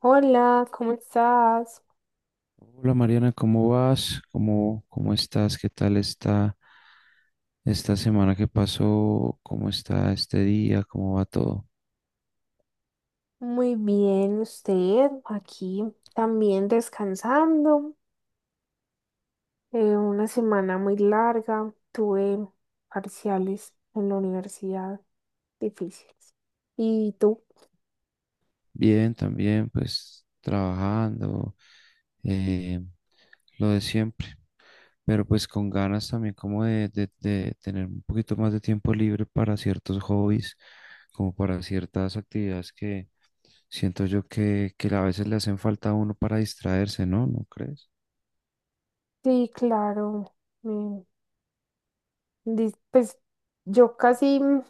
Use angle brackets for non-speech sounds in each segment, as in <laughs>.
Hola, ¿cómo estás? Hola Mariana, ¿cómo vas? ¿Cómo estás? ¿Qué tal está esta semana que pasó? ¿Cómo está este día? ¿Cómo va todo? Muy bien, usted aquí también descansando. Una semana muy larga, tuve parciales en la universidad difíciles. ¿Y tú? Bien, también, pues trabajando, eh, lo de siempre, pero pues con ganas también como de tener un poquito más de tiempo libre para ciertos hobbies, como para ciertas actividades que siento yo que a veces le hacen falta a uno para distraerse, ¿no? ¿No crees? Sí, claro. mm, pues yo casi,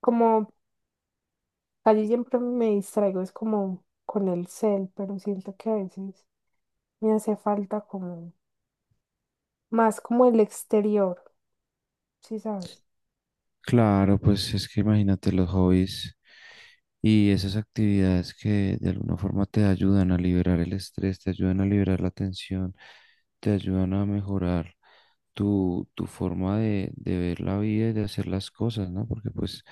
como casi siempre me distraigo, es como con el cel, pero siento que a veces me hace falta como más como el exterior, ¿sí sabes? Claro, pues es que imagínate los hobbies y esas actividades que de alguna forma te ayudan a liberar el estrés, te ayudan a liberar la tensión, te ayudan a mejorar tu forma de ver la vida y de hacer las cosas, ¿no? Porque pues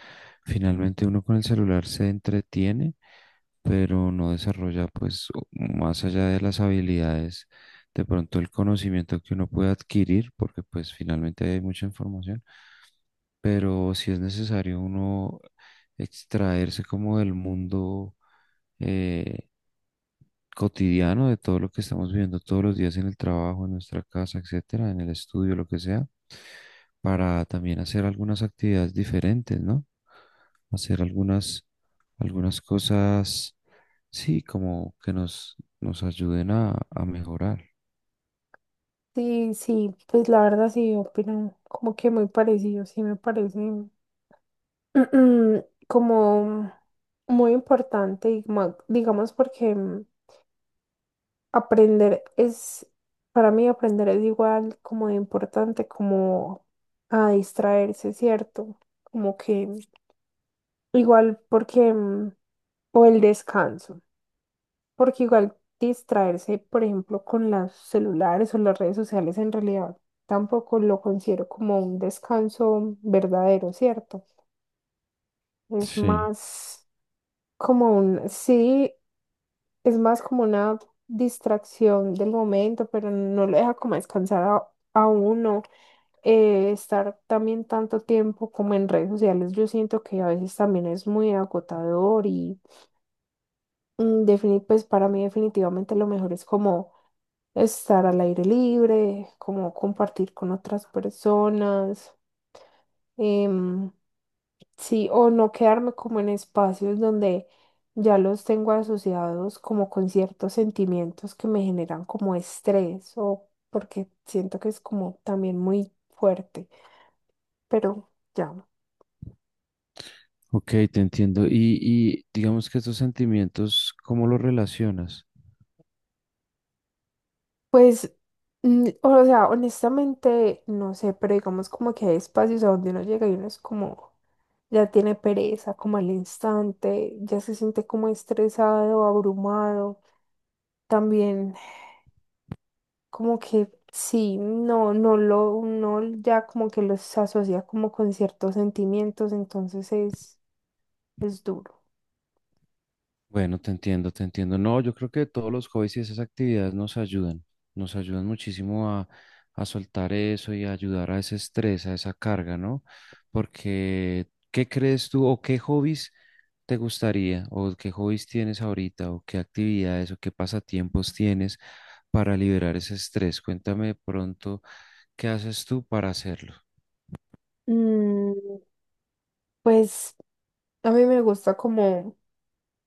finalmente uno con el celular se entretiene, pero no desarrolla pues más allá de las habilidades, de pronto el conocimiento que uno puede adquirir, porque pues finalmente hay mucha información pero si es necesario uno extraerse como del mundo eh, cotidiano, de todo lo que estamos viviendo todos los días en el trabajo, en nuestra casa, etcétera, en el estudio, lo que sea, para también hacer algunas actividades diferentes, ¿no? Hacer algunas cosas, sí, como que nos ayuden a mejorar. Sí, sí, pues la verdad sí, opinan como que muy parecido, sí me parece <clears throat> como muy importante y digamos porque, aprender es, para mí aprender es igual como de importante como a distraerse, ¿cierto? Como que igual porque, o el descanso. Porque igual distraerse, por ejemplo, con los celulares o las redes sociales, en realidad tampoco lo considero como un descanso verdadero, ¿cierto? Es Sí, más como un, sí, es más como una distracción del momento, pero no lo deja como descansar a uno. Estar también tanto tiempo como en redes sociales, yo siento que a veces también es muy agotador y, pues para mí definitivamente lo mejor es como estar al aire libre, como compartir con otras personas. em, Sí, o no quedarme como en espacios donde ya los tengo asociados como con ciertos sentimientos que me generan como estrés o porque siento que es como también muy fuerte, pero ya. ok, te entiendo. Y digamos que estos sentimientos, ¿cómo los relacionas? Pues, o sea, honestamente, no sé, pero digamos como que hay espacios a donde uno llega y uno es como, ya tiene pereza, como al instante, ya se siente como estresado, abrumado. También como que sí, no, no lo, uno ya como que los asocia como con ciertos sentimientos, entonces es duro. Bueno, te entiendo, te entiendo. No, yo creo que todos los hobbies y esas actividades nos ayudan muchísimo a soltar eso y a ayudar a ese estrés, a esa carga, ¿no? Porque, ¿qué crees tú o qué hobbies te gustaría o qué hobbies tienes ahorita o qué actividades o qué pasatiempos tienes para liberar ese estrés? Cuéntame de pronto qué haces tú para hacerlo. Mm, pues a mí me gusta como,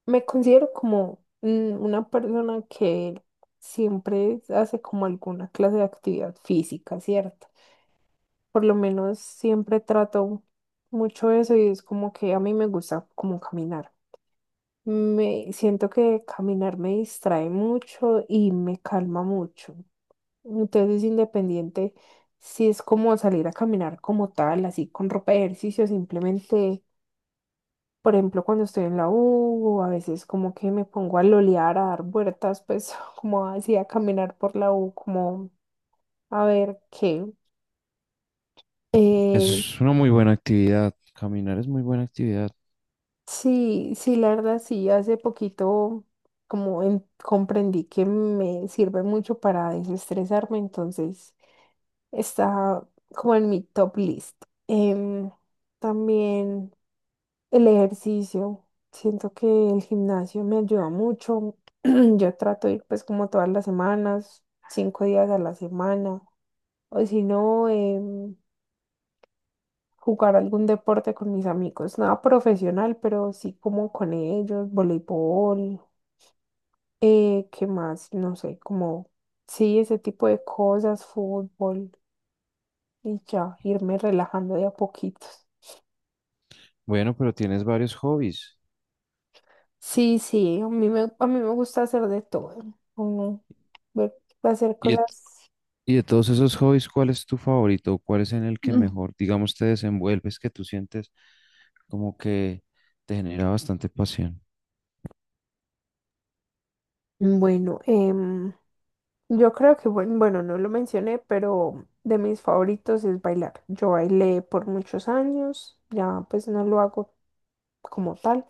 me considero como, una persona que siempre hace como alguna clase de actividad física, ¿cierto? Por lo menos siempre trato mucho eso y es como que a mí me gusta como caminar. Me siento que caminar me distrae mucho y me calma mucho. Entonces, independiente si es como salir a caminar como tal, así con ropa de ejercicio, simplemente por ejemplo, cuando estoy en la U, a veces como que me pongo a lolear, a dar vueltas, pues <laughs> como así a caminar por la U, como a ver qué. Eso Eh, es una muy buena actividad, caminar es muy buena actividad. sí, sí, la verdad, sí, hace poquito como comprendí que me sirve mucho para desestresarme, entonces está como en mi top list. Em, También el ejercicio, siento que el gimnasio me ayuda mucho. <clears throat> Yo trato de ir pues como todas las semanas, cinco días a la semana, o si no, jugar algún deporte con mis amigos, nada profesional, pero sí como con ellos, voleibol, ¿qué más? No sé, como sí, ese tipo de cosas, fútbol y ya, irme relajando de a poquitos. Bueno, pero tienes varios hobbies. Sí, sí, a mí me gusta hacer de todo. Uno, ver- hacer Y, cosas. Y de todos esos hobbies, ¿cuál es tu favorito? ¿Cuál es en el que Mm. mejor, digamos, te desenvuelves, que tú sientes como que te genera bastante pasión? Bueno, yo creo que, bueno, no lo mencioné, pero de mis favoritos es bailar. Yo bailé por muchos años, ya pues no lo hago como tal,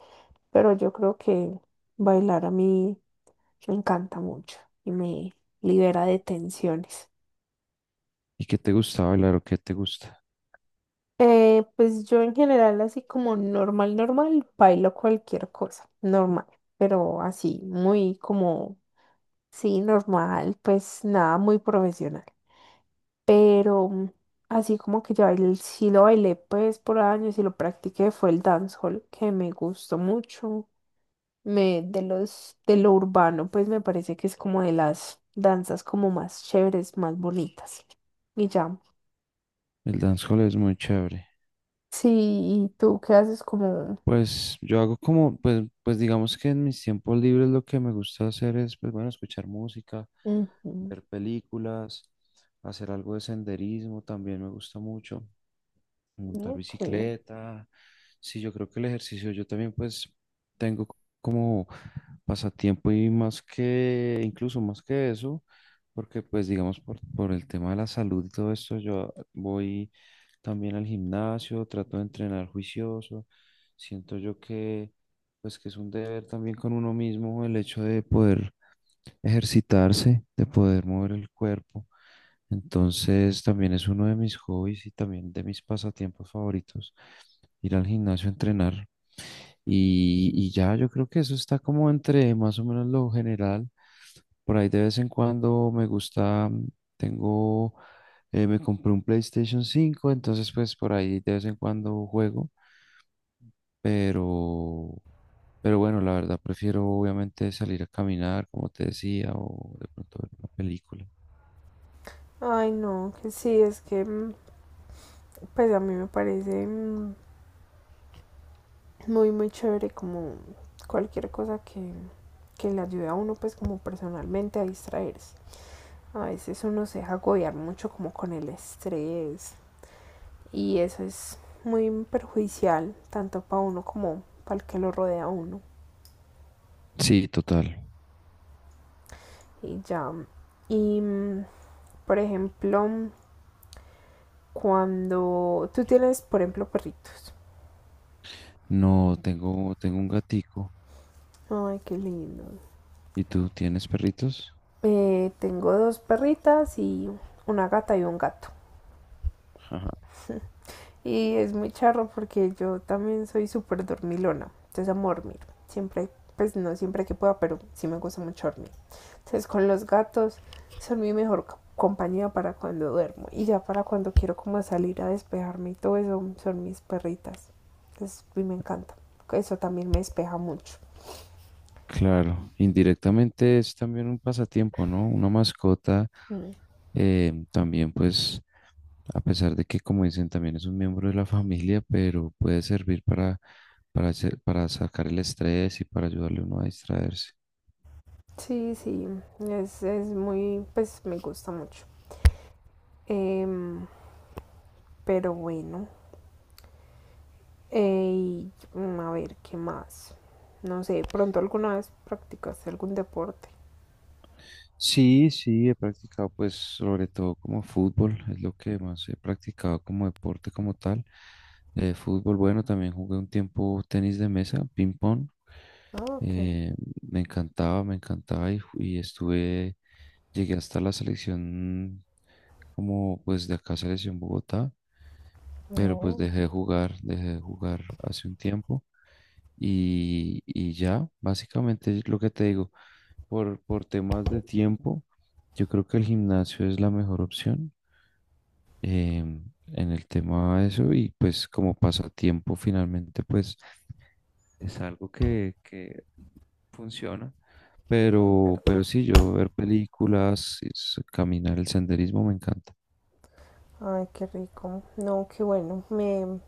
pero yo creo que bailar a mí me encanta mucho y me libera de tensiones. ¿Y qué te gusta bailar o qué te gusta? Pues yo en general así como normal, normal, bailo cualquier cosa, normal, pero así, muy como, sí, normal, pues nada, muy profesional. Pero, así como que yo bailé, sí lo bailé pues por años y lo practiqué, fue el dancehall que me gustó mucho. De los, de lo urbano, pues me parece que es como de las danzas como más chéveres, más bonitas. Y ya, El dancehall es muy chévere. sí, ¿y tú qué haces como... Pues yo hago como, pues, pues digamos que en mis tiempos libres lo que me gusta hacer es, pues bueno, escuchar música, Ujú. ver películas, hacer algo de senderismo, también me gusta mucho montar Ok. bicicleta. Sí, yo creo que el ejercicio, yo también pues tengo c- como pasatiempo y más que, incluso más que eso, porque pues digamos por el tema de la salud y todo esto, yo voy también al gimnasio, trato de entrenar juicioso, siento yo que pues que es un deber también con uno mismo el hecho de poder ejercitarse, de poder mover el cuerpo. Entonces también es uno de mis hobbies y también de mis pasatiempos favoritos, ir al gimnasio a entrenar. Y ya yo creo que eso está como entre más o menos lo general. Por ahí de vez en cuando me gusta, tengo, me compré un PlayStation 5, entonces pues por ahí de vez en cuando juego, pero, pero bueno, la verdad prefiero obviamente salir a caminar, como te decía, o de pronto ver una película. Ay, no, que sí, es que, pues a mí me parece, muy, muy chévere como cualquier cosa que le ayude a uno pues como personalmente a distraerse. A veces uno se deja agobiar mucho como con el estrés y eso es muy perjudicial tanto para uno como para el que lo rodea a uno. Sí, total. Y ya, y mm, por ejemplo, cuando tú tienes, por ejemplo, perritos. No, tengo, tengo un gatico. Ay, qué lindo. ¿Y tú tienes perritos? Tengo dos perritas y una gata y un gato. Ajá. Y es muy charro porque yo también soy súper dormilona. Entonces amo dormir. Siempre, pues no siempre que pueda, pero sí me gusta mucho dormir. Entonces con los gatos son mi mejor compañía para cuando duermo. Y ya para cuando quiero como salir a despejarme y todo eso son mis perritas. Entonces y me encanta. Eso también me despeja mucho. Claro, indirectamente es también un pasatiempo, ¿no? Una mascota, Mm. También, pues, a pesar de que, como dicen, también es un miembro de la <laughs> familia, pero puede servir para para sacar el estrés y para ayudarle a uno a distraerse. Sí, sí. Es muy, pues me gusta mucho. Em, Pero bueno, a ver, ¿qué más? No sé, pronto alguna vez practicaste algún deporte. Sí, sí, he practicado pues sobre todo como fútbol, es lo que más he practicado como deporte como tal. Fútbol, bueno, también jugué un tiempo tenis de mesa, ping pong. Ah, ok. Eh, me encantaba y estuve, llegué hasta la selección como pues de acá selección Bogotá, pero pues No, dejé de jugar hace un tiempo y ya, básicamente es lo que te digo por temas de tiempo, yo creo que el gimnasio es la mejor opción, em, en el tema de eso y pues como pasatiempo finalmente pues es algo que funciona. es Pero, verdad. pero sí, yo ver películas, caminar, el senderismo me encanta. Ay, qué rico. No, qué bueno.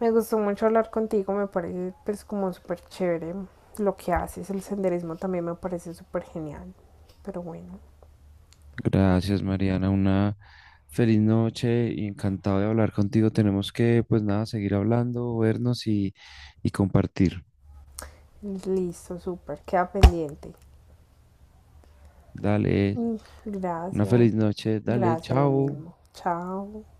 Me gustó mucho hablar contigo. Me parece pues como súper chévere lo que haces. El senderismo también me parece súper genial. Pero bueno, Gracias, Mariana. Una feliz noche y encantado de hablar contigo. Tenemos que, pues nada, seguir hablando, vernos y compartir. listo, súper. Queda pendiente. Dale, Mm, una gracias. feliz noche. Dale, Gracias, lo chao. mismo. Chao.